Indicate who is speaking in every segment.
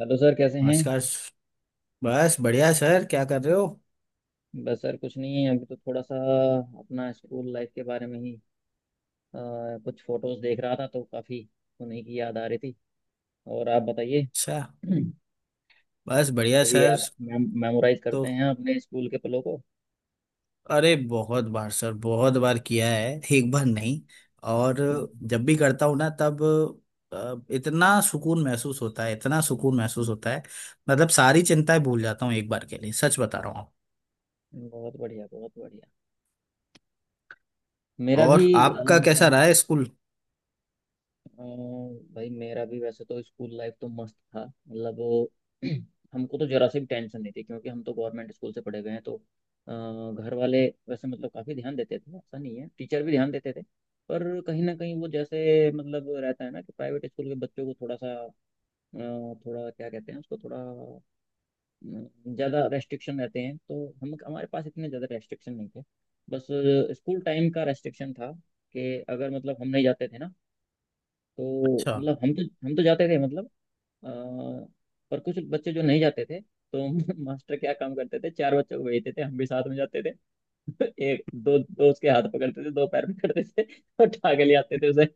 Speaker 1: Hello sir कैसे हैं।
Speaker 2: नमस्कार बस बढ़िया सर, क्या कर रहे हो?
Speaker 1: बस सर कुछ नहीं है, अभी तो थोड़ा सा अपना स्कूल लाइफ के बारे में ही अ, कुछ फोटोज देख रहा था तो काफ़ी उन्हीं की याद आ रही थी। और आप बताइए,
Speaker 2: अच्छा। बस बढ़िया
Speaker 1: कभी
Speaker 2: सर।
Speaker 1: आप मेमोराइज
Speaker 2: तो
Speaker 1: करते हैं अपने स्कूल के पलों को।
Speaker 2: अरे बहुत बार सर, बहुत बार किया है, एक बार नहीं। और
Speaker 1: हम्म,
Speaker 2: जब भी करता हूँ ना, तब इतना सुकून महसूस होता है, इतना सुकून महसूस होता है। मतलब सारी चिंताएं भूल जाता हूँ एक बार के लिए, सच बता रहा हूँ।
Speaker 1: बहुत बढ़िया, बहुत बढ़िया। मेरा भी
Speaker 2: और आपका कैसा रहा है स्कूल?
Speaker 1: अ, भाई मेरा भी वैसे तो स्कूल लाइफ तो मस्त था, मतलब वो हमको तो जरा से भी टेंशन नहीं थी क्योंकि हम तो गवर्नमेंट स्कूल से पढ़े गए हैं। तो अ, घर वाले वैसे मतलब काफ़ी ध्यान देते थे, ऐसा नहीं है, टीचर भी ध्यान देते थे। पर कहीं ना कहीं वो जैसे मतलब रहता है ना कि प्राइवेट स्कूल के बच्चों को थोड़ा सा थोड़ा क्या कहते हैं उसको, थोड़ा ज़्यादा रेस्ट्रिक्शन रहते हैं। तो हम हमारे पास इतने ज़्यादा रेस्ट्रिक्शन नहीं थे। बस स्कूल टाइम का रेस्ट्रिक्शन था कि अगर मतलब हम नहीं जाते थे ना, तो
Speaker 2: अच्छा।
Speaker 1: मतलब हम तो जाते थे, मतलब अ, पर कुछ बच्चे जो नहीं जाते थे तो मास्टर क्या काम करते थे, चार बच्चों को भेजते थे, हम भी साथ में जाते थे। एक दो दो उसके हाथ पकड़ते थे, दो पैर पकड़ते थे, और उठा के ले आते थे उसे।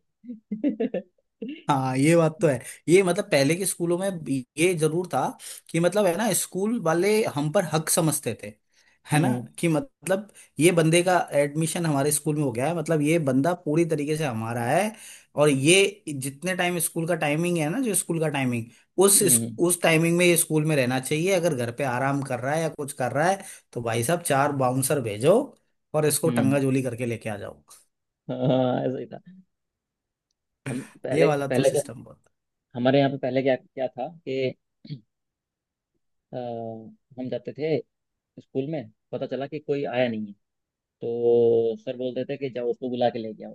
Speaker 2: हाँ, ये बात तो है। ये मतलब पहले के स्कूलों में भी ये जरूर था, कि मतलब, है ना, स्कूल वाले हम पर हक समझते थे, है ना।
Speaker 1: हम्म।
Speaker 2: कि मतलब ये बंदे का एडमिशन हमारे स्कूल में हो गया है, मतलब ये बंदा पूरी तरीके से हमारा है। और ये जितने टाइम स्कूल का टाइमिंग है ना, जो स्कूल का टाइमिंग, उस
Speaker 1: हम्म।
Speaker 2: उस टाइमिंग में ये स्कूल में रहना चाहिए। अगर घर पे आराम कर रहा है या कुछ कर रहा है, तो भाई साहब चार बाउंसर भेजो और इसको
Speaker 1: हम्म।
Speaker 2: टंगाजोली करके लेके आ जाओ।
Speaker 1: हाँ ऐसा ही था। हम
Speaker 2: ये
Speaker 1: पहले
Speaker 2: वाला तो
Speaker 1: पहले क्या
Speaker 2: सिस्टम बहुत
Speaker 1: हमारे यहाँ पे पहले क्या क्या था कि अ, हम जाते थे, स्कूल में पता चला कि कोई आया नहीं है, तो सर बोलते थे कि जाओ उसको बुला के लेके आओ।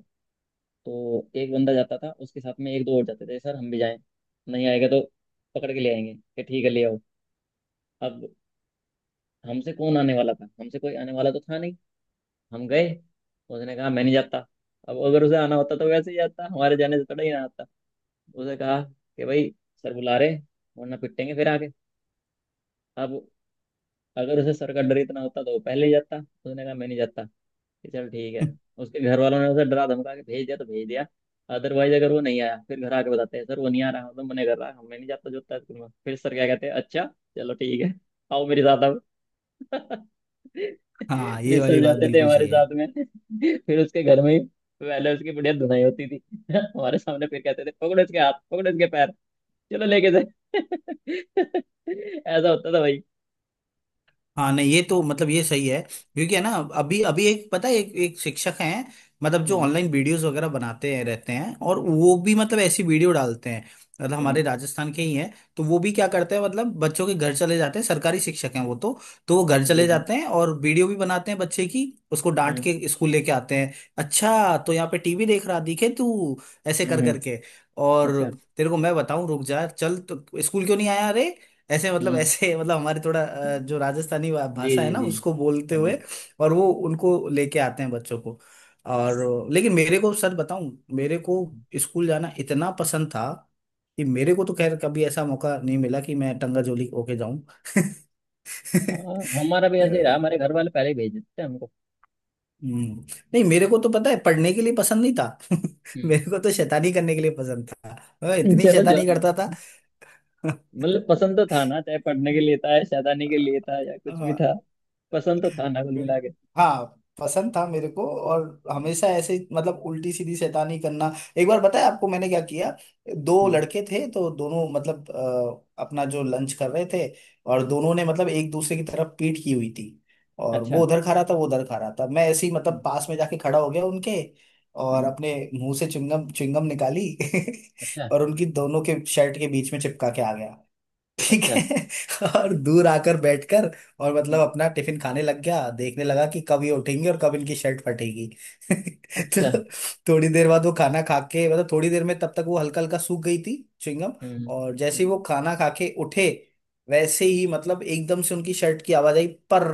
Speaker 1: तो एक बंदा जाता था, उसके साथ में एक दो और जाते थे, सर हम भी जाएं, नहीं आएगा तो पकड़ के ले आएंगे। कि ठीक है ले आओ। अब हमसे कौन आने वाला था, हमसे कोई आने वाला तो था नहीं। हम गए, उसने कहा मैं नहीं जाता। अब अगर उसे आना होता तो वैसे ही आता, हमारे जाने से थोड़ा ही ना आता। उसे कहा कि भाई सर बुला रहे हैं, वरना पिटेंगे फिर आके। अब अगर उसे सर का डर इतना होता तो वो पहले ही जाता। उसने कहा मैं नहीं जाता, कि चल ठीक है। उसके घर वालों ने उसे डरा धमका के भेज दिया तो भेज दिया, अदरवाइज अगर वो नहीं आया फिर घर आके बताते हैं सर वो नहीं आ रहा, मतलब मना कर रहा है, मैं नहीं जाता जोता स्कूल में। फिर सर क्या कहते हैं, अच्छा चलो ठीक है, आओ मेरे साथ अब।
Speaker 2: हाँ,
Speaker 1: फिर
Speaker 2: ये
Speaker 1: सर
Speaker 2: वाली बात
Speaker 1: जाते थे
Speaker 2: बिल्कुल
Speaker 1: हमारे
Speaker 2: सही
Speaker 1: साथ
Speaker 2: है।
Speaker 1: में। फिर उसके घर में ही पहले उसकी बढ़िया धुनाई होती थी। हमारे सामने फिर कहते थे पकड़ो इसके हाथ, पकड़ो इसके पैर, चलो लेके जाए। ऐसा होता था भाई।
Speaker 2: हाँ नहीं, ये तो मतलब ये सही है। क्योंकि है ना, अभी अभी एक पता है, एक एक शिक्षक हैं। मतलब जो
Speaker 1: हम्म।
Speaker 2: ऑनलाइन वीडियोस वगैरह बनाते हैं रहते हैं, और वो भी मतलब ऐसी वीडियो डालते हैं। मतलब
Speaker 1: हम्म।
Speaker 2: हमारे राजस्थान के ही हैं, तो वो भी क्या करते हैं, मतलब बच्चों के घर चले जाते हैं, सरकारी शिक्षक हैं वो तो। तो वो घर
Speaker 1: जी
Speaker 2: चले
Speaker 1: जी।
Speaker 2: जाते हैं और वीडियो भी बनाते हैं बच्चे की। उसको डांट
Speaker 1: हम्म।
Speaker 2: के स्कूल लेके आते हैं। अच्छा, तो यहाँ पे टीवी देख रहा, दिखे तू, ऐसे कर
Speaker 1: हम्म।
Speaker 2: करके। और
Speaker 1: अच्छा।
Speaker 2: तेरे को मैं बताऊं, रुक जा, चल तो स्कूल क्यों नहीं आया, अरे। ऐसे मतलब
Speaker 1: हम्म।
Speaker 2: ऐसे मतलब हमारे थोड़ा जो राजस्थानी
Speaker 1: जी
Speaker 2: भाषा है
Speaker 1: जी
Speaker 2: ना,
Speaker 1: जी।
Speaker 2: उसको बोलते
Speaker 1: अरे।
Speaker 2: हुए। और वो उनको लेके आते हैं बच्चों को। और लेकिन मेरे को सर बताऊं, मेरे को स्कूल जाना इतना पसंद था, कि मेरे को तो खैर कभी ऐसा मौका नहीं मिला कि मैं टंगा जोली होके जाऊं
Speaker 1: हाँ हमारा भी
Speaker 2: अ,
Speaker 1: ऐसे ही रहा, हमारे घर वाले पहले ही भेज देते थे हमको।
Speaker 2: हम्म, नहीं, मेरे को तो पता है, पढ़ने के लिए पसंद नहीं था
Speaker 1: हम्म।
Speaker 2: मेरे को तो शैतानी करने के लिए पसंद था। मैं इतनी
Speaker 1: चलो जो,
Speaker 2: शैतानी करता था।
Speaker 1: मतलब पसंद तो था ना, चाहे पढ़ने के लिए था या शैतानी के लिए था या कुछ भी था, पसंद तो था ना कुल
Speaker 2: बिल-
Speaker 1: मिला के।
Speaker 2: हाँ, पसंद था मेरे को और
Speaker 1: हम्म।
Speaker 2: हमेशा ऐसे ही, मतलब उल्टी सीधी शैतानी करना। एक बार बताया आपको मैंने क्या किया? दो
Speaker 1: हम्म।
Speaker 2: लड़के थे, तो दोनों मतलब अपना जो लंच कर रहे थे। और दोनों ने मतलब एक दूसरे की तरफ पीठ की हुई थी। और
Speaker 1: अच्छा।
Speaker 2: वो उधर खा रहा था, वो उधर खा रहा था। मैं ऐसे ही मतलब
Speaker 1: हम्म।
Speaker 2: पास में जाके खड़ा हो गया उनके, और
Speaker 1: हम्म।
Speaker 2: अपने मुंह से चुंगम चुंगम निकाली
Speaker 1: अच्छा।
Speaker 2: और उनकी दोनों के शर्ट के बीच में चिपका के आ गया। ठीक
Speaker 1: अच्छा।
Speaker 2: है और दूर आकर बैठकर, और मतलब
Speaker 1: हम्म।
Speaker 2: अपना टिफिन खाने लग गया, देखने लगा कि कब ये उठेंगे और कब इनकी शर्ट फटेगी
Speaker 1: अच्छा।
Speaker 2: तो थोड़ी देर बाद वो खाना खा के, मतलब थोड़ी देर में, तब तक वो हल्का हल्का सूख गई थी, च्युइंगम।
Speaker 1: हम्म।
Speaker 2: और जैसे ही
Speaker 1: हम्म।
Speaker 2: वो खाना खा के उठे, वैसे ही मतलब एकदम से उनकी शर्ट की आवाज आई। पर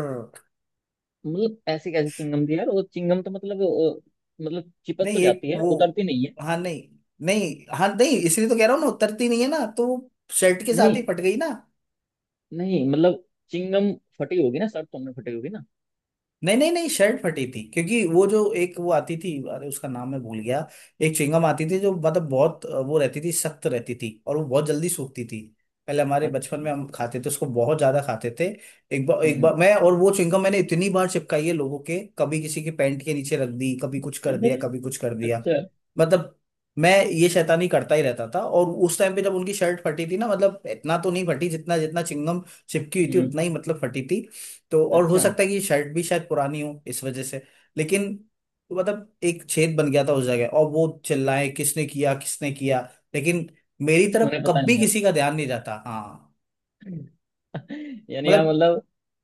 Speaker 1: मतलब ऐसी कैसी चिंगम थी यार, वो चिंगम तो मतलब मतलब चिपक
Speaker 2: नहीं,
Speaker 1: तो
Speaker 2: एक
Speaker 1: जाती है,
Speaker 2: वो,
Speaker 1: उतरती नहीं है।
Speaker 2: हाँ नहीं, नहीं, हाँ नहीं, इसलिए तो कह रहा हूँ ना, उतरती नहीं है ना, तो शर्ट के
Speaker 1: नहीं।
Speaker 2: साथ ही फट गई ना।
Speaker 1: नहीं मतलब चिंगम फटी होगी ना शर्ट, तुमने फटी होगी ना।
Speaker 2: नहीं नहीं नहीं, शर्ट फटी थी, क्योंकि वो जो एक वो आती थी, अरे उसका नाम मैं भूल गया। एक च्युइंगम आती थी जो मतलब बहुत वो रहती थी, सख्त रहती थी, और वो बहुत जल्दी सूखती थी। पहले हमारे
Speaker 1: अच्छा।
Speaker 2: बचपन में हम खाते थे उसको, बहुत ज्यादा खाते थे। एक बार,
Speaker 1: हम्म।
Speaker 2: मैं और वो च्युइंगम, मैंने इतनी बार चिपकाई है लोगों के, कभी किसी के पैंट के नीचे रख दी, कभी कुछ कर दिया, कभी कुछ कर दिया।
Speaker 1: अच्छा।
Speaker 2: मतलब मैं ये शैतानी करता ही रहता था। और उस टाइम पे जब उनकी शर्ट फटी थी ना, मतलब इतना तो नहीं फटी, जितना जितना चिंगम चिपकी हुई थी
Speaker 1: हम्म।
Speaker 2: उतना ही मतलब फटी थी। तो, और हो
Speaker 1: अच्छा।
Speaker 2: सकता है कि शर्ट भी शायद पुरानी हो इस वजह से, लेकिन, तो मतलब एक छेद बन गया था उस जगह, और वो चिल्लाए, किसने किया, किसने किया। लेकिन मेरी
Speaker 1: उन्हें
Speaker 2: तरफ
Speaker 1: पता नहीं
Speaker 2: कभी
Speaker 1: था।
Speaker 2: किसी का ध्यान नहीं जाता, हाँ।
Speaker 1: यानी आप
Speaker 2: मतलब
Speaker 1: मतलब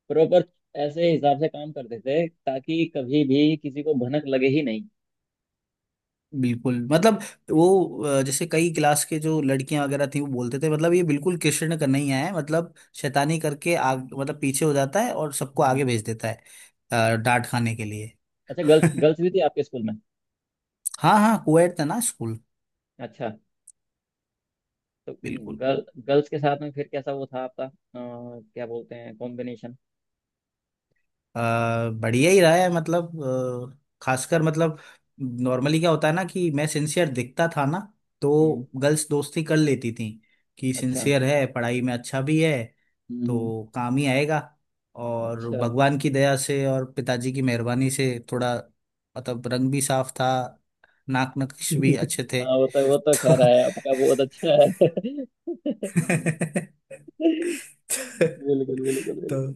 Speaker 1: प्रॉपर ऐसे हिसाब से काम करते थे ताकि कभी भी किसी को भनक लगे ही नहीं।
Speaker 2: बिल्कुल, मतलब वो जैसे कई क्लास के जो लड़कियां वगैरह थी, वो बोलते थे मतलब, ये बिल्कुल कृष्ण का नहीं है, मतलब शैतानी करके आग, मतलब पीछे हो जाता है और सबको
Speaker 1: हम्म।
Speaker 2: आगे भेज देता है, डांट खाने के लिए
Speaker 1: अच्छा, गर्ल्स गर्ल्स भी थी आपके स्कूल में।
Speaker 2: हाँ हाँ, कोएड था ना स्कूल।
Speaker 1: अच्छा। तो
Speaker 2: बिल्कुल।
Speaker 1: गर्ल्स के साथ में फिर कैसा वो था आपका, क्या बोलते हैं, कॉम्बिनेशन।
Speaker 2: अ, बढ़िया ही रहा है, मतलब खासकर, मतलब नॉर्मली क्या होता है ना, कि मैं सिंसियर दिखता था ना,
Speaker 1: हम्म।
Speaker 2: तो गर्ल्स दोस्ती कर लेती थी, कि
Speaker 1: अच्छा।
Speaker 2: सिंसियर है, पढ़ाई में अच्छा भी है,
Speaker 1: हम्म।
Speaker 2: तो काम ही आएगा। और
Speaker 1: अच्छा।
Speaker 2: भगवान की दया से और पिताजी की मेहरबानी से, थोड़ा मतलब रंग भी साफ था, नाक नक्श भी अच्छे थे
Speaker 1: हाँ वो तो, वो तो
Speaker 2: तो
Speaker 1: खैर है आपका बहुत अच्छा है।
Speaker 2: तो
Speaker 1: बिल्कुल बिल्कुल बिल्कुल।
Speaker 2: तो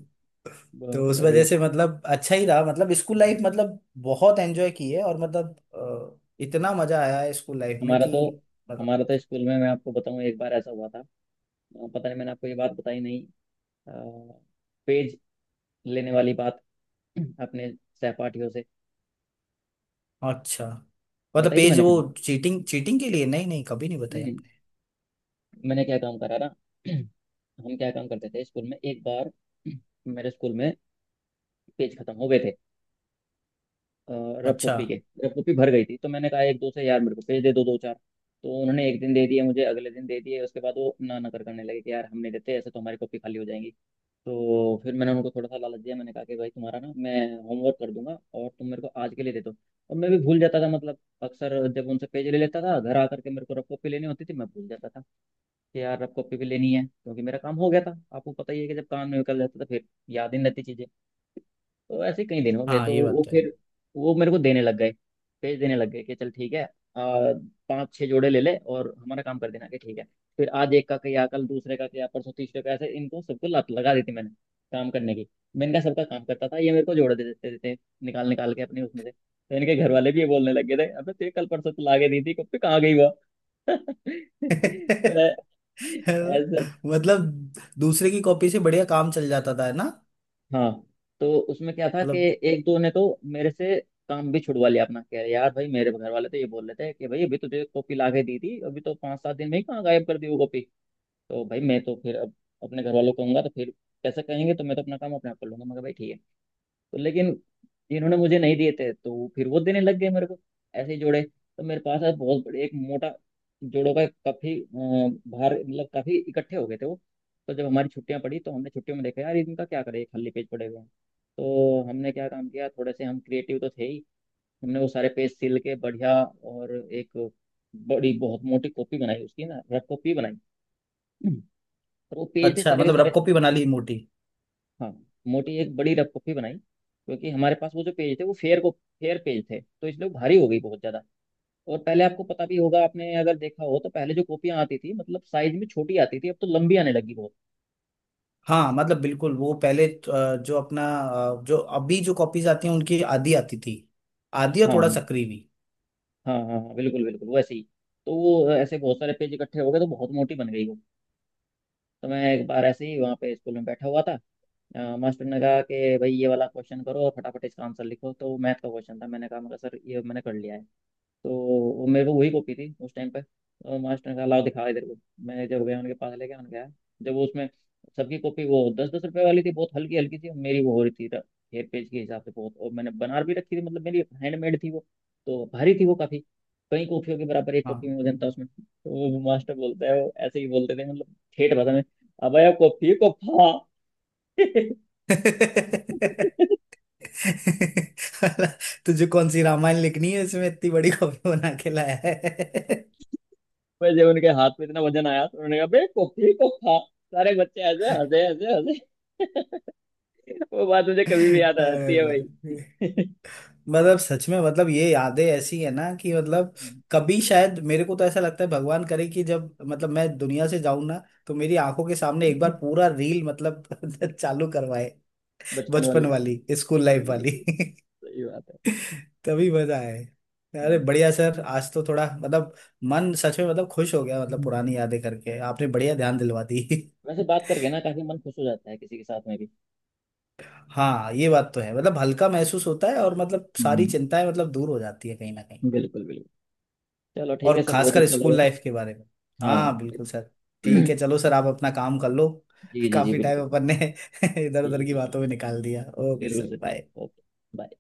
Speaker 2: तो
Speaker 1: बहुत
Speaker 2: उस वजह
Speaker 1: बढ़िया।
Speaker 2: से मतलब अच्छा ही रहा, मतलब स्कूल लाइफ,
Speaker 1: हम्म।
Speaker 2: मतलब बहुत एंजॉय की है, और मतलब इतना मजा आया है स्कूल लाइफ में
Speaker 1: हमारा
Speaker 2: कि
Speaker 1: तो,
Speaker 2: मतलब।
Speaker 1: हमारा तो स्कूल में, मैं आपको बताऊं, एक बार ऐसा हुआ था। पता नहीं मैंने आपको ये बात बताई नहीं, अ, पेज लेने वाली बात अपने सहपाठियों से,
Speaker 2: अच्छा, मतलब
Speaker 1: बताई थी
Speaker 2: पेज
Speaker 1: मैंने
Speaker 2: वो
Speaker 1: कभी।
Speaker 2: चीटिंग, चीटिंग के लिए? नहीं नहीं, कभी नहीं
Speaker 1: नहीं
Speaker 2: बताया
Speaker 1: नहीं,
Speaker 2: आपने।
Speaker 1: मैंने क्या काम करा ना, हम क्या काम करते थे स्कूल में एक बार, मेरे स्कूल में पेज खत्म हो गए थे अ, रफ
Speaker 2: अच्छा।
Speaker 1: कॉपी के। रफ कॉपी भर गई थी तो मैंने कहा एक दो से, यार मेरे को पेज दे दो, दो चार। तो उन्होंने एक दिन दे दिए मुझे, अगले दिन दे दिए, उसके बाद वो ना ना कर करने लगे कि यार हम नहीं देते ऐसे, तो हमारी कॉपी खाली हो जाएंगी। तो फिर मैंने उनको थोड़ा सा लालच दिया, मैंने कहा कि भाई तुम्हारा ना मैं होमवर्क कर दूंगा, और तुम मेरे को आज के लिए दे दो। और मैं भी भूल जाता था, मतलब अक्सर जब उनसे पेज ले लेता था, घर आकर के मेरे को रफ कॉपी लेनी होती थी, मैं भूल जाता था कि यार रफ कॉपी भी लेनी है, क्योंकि मेरा काम हो गया था। आपको पता ही है कि जब काम निकल जाता था फिर याद ही नहीं रहती चीजें। तो ऐसे कई दिन हो गए
Speaker 2: हाँ,
Speaker 1: तो
Speaker 2: ये बात
Speaker 1: वो
Speaker 2: तो
Speaker 1: फिर, वो मेरे को देने लग गए, पेज देने लग गए कि चल ठीक है। पांच छह जोड़े ले ले और हमारा काम कर देना। कि ठीक है। फिर आज एक का किया, कल दूसरे का किया, परसों तीसरे का, ऐसे इनको सबको लत लगा दी थी मैंने काम करने की। मैंने कहा सबका काम करता था, ये मेरे को जोड़े दे देते देते निकाल निकाल के अपने उसमें से। तो इनके घर वाले भी ये बोलने लग गए थे अबे तेरे कल परसों तो लागे दी थी कब पे, कहाँ गई वो। तो
Speaker 2: है
Speaker 1: ऐसा।
Speaker 2: मतलब दूसरे की कॉपी से बढ़िया काम चल जाता था, है ना।
Speaker 1: हाँ। तो उसमें क्या था कि
Speaker 2: मतलब,
Speaker 1: एक दो ने तो मेरे से काम भी छुड़वा लिया अपना, कह रहे यार भाई मेरे घर वाले तो ये बोल रहे थे कि भाई अभी तुझे कॉपी ला के दी थी, अभी तो पाँच सात दिन में ही कहाँ गायब कर दी वो कॉपी। तो भाई मैं तो फिर अब अपने घर वालों को कहूंगा तो फिर कैसे कहेंगे, तो मैं तो अपना काम अपने आप कर लूंगा मगर भाई ठीक है। तो लेकिन इन्होंने मुझे नहीं दिए थे, तो फिर वो देने लग गए मेरे को ऐसे ही जोड़े। तो मेरे पास आज बहुत बड़े एक मोटा जोड़ों का काफी भार, मतलब काफी इकट्ठे हो गए थे वो। तो जब हमारी छुट्टियां पड़ी तो हमने छुट्टियों में देखा यार इनका क्या करें, ये खाली पेज पड़े हुए हैं। तो हमने क्या काम किया, थोड़े से हम क्रिएटिव तो थे ही, हमने वो सारे पेज सिल के बढ़िया और एक बड़ी बहुत मोटी कॉपी बनाई उसकी ना, रफ कॉपी बनाई, और वो पेज थे
Speaker 2: अच्छा
Speaker 1: सारे के
Speaker 2: मतलब
Speaker 1: सारे।
Speaker 2: रफ कॉपी बना ली मोटी।
Speaker 1: हाँ मोटी एक बड़ी रफ कॉपी बनाई, क्योंकि हमारे पास वो जो पेज थे वो फेयर को, फेयर पेज थे, तो इसलिए वो भारी हो गई बहुत ज्यादा। और पहले आपको पता भी होगा, आपने अगर देखा हो तो, पहले जो कॉपियां आती थी मतलब साइज में छोटी आती थी, अब तो लंबी आने लगी बहुत।
Speaker 2: हाँ, मतलब बिल्कुल, वो पहले जो अपना जो अभी जो कॉपीज आती हैं, उनकी आधी आती थी, आधी और
Speaker 1: हाँ
Speaker 2: थोड़ा
Speaker 1: हाँ।
Speaker 2: सक्री भी।
Speaker 1: हाँ हाँ हाँ बिल्कुल बिल्कुल वैसे ही। तो वो ऐसे बहुत सारे पेज इकट्ठे हो गए तो बहुत मोटी बन गई वो। तो मैं एक बार ऐसे ही वहाँ पे स्कूल में बैठा हुआ था, मास्टर ने कहा कि भाई ये वाला क्वेश्चन करो और फटाफट इसका आंसर लिखो, तो मैथ का क्वेश्चन था, मैंने कहा मगर सर ये मैंने कर लिया है। तो वो मेरे को वही कॉपी थी उस टाइम पे। और मास्टर ने कहा लाओ दिखा इधर को। मैं जब गया उनके पास लेके, उन्होंने कहा, जब वो उसमें, सबकी कॉपी वो दस दस रुपए वाली थी, बहुत हल्की हल्की थी, मेरी वो हो रही थी हेयर पेज के हिसाब से बहुत, और मैंने बना भी रखी थी मतलब मेरी हैंडमेड थी वो, तो भारी थी वो काफी, कई कॉफियों के बराबर एक कॉफी में
Speaker 2: हाँ
Speaker 1: वजन था उसमें। तो वो मास्टर बोलता है, वो ऐसे ही बोलते थे मतलब ठेठ भाषा में, अब कॉफी को फा
Speaker 2: तुझे कौन सी रामायण लिखनी है इसमें, इतनी बड़ी कॉपी बना के लाया है?
Speaker 1: पर जब उनके हाथ में इतना वजन आया तो उन्होंने कहा बे कॉपी को खा। सारे बच्चे ऐसे हंसे हंसे हंसे। वो बात मुझे कभी भी याद आ जाती
Speaker 2: अरे
Speaker 1: है भाई।
Speaker 2: भाई, मतलब सच में मतलब ये यादें ऐसी है ना, कि मतलब कभी, शायद मेरे को तो ऐसा लगता है, भगवान करे कि जब मतलब मैं दुनिया से जाऊं ना, तो मेरी आंखों के सामने एक बार पूरा रील मतलब चालू करवाए।
Speaker 1: बचपन
Speaker 2: बचपन
Speaker 1: वाली।
Speaker 2: वाली स्कूल लाइफ
Speaker 1: बिल्कुल
Speaker 2: वाली
Speaker 1: बिल्कुल, सही बात है।
Speaker 2: तभी मजा आए। अरे
Speaker 1: हम्म।
Speaker 2: बढ़िया सर, आज तो थोड़ा मतलब मन सच में मतलब खुश हो गया, मतलब पुरानी यादें करके आपने बढ़िया ध्यान दिलवा दी।
Speaker 1: वैसे बात करके ना काफी मन खुश हो जाता है किसी के साथ में भी।
Speaker 2: हाँ, ये बात तो है, मतलब हल्का महसूस होता है और मतलब सारी
Speaker 1: हम्म।
Speaker 2: चिंताएं मतलब दूर हो जाती है, कहीं ना कहीं।
Speaker 1: बिल्कुल बिल्कुल। चलो ठीक
Speaker 2: और
Speaker 1: है सर, बहुत
Speaker 2: खासकर
Speaker 1: अच्छा
Speaker 2: स्कूल
Speaker 1: लगा।
Speaker 2: लाइफ के बारे में।
Speaker 1: हाँ
Speaker 2: हाँ बिल्कुल सर। ठीक
Speaker 1: जी
Speaker 2: है, चलो सर, आप अपना काम कर लो।
Speaker 1: जी जी
Speaker 2: काफी टाइम
Speaker 1: बिल्कुल
Speaker 2: अपन
Speaker 1: बिल्कुल।
Speaker 2: ने इधर उधर
Speaker 1: ठीक
Speaker 2: की
Speaker 1: है सर।
Speaker 2: बातों में निकाल दिया। ओके सर,
Speaker 1: बिल्कुल
Speaker 2: बाय।
Speaker 1: Sir, okay. बाय।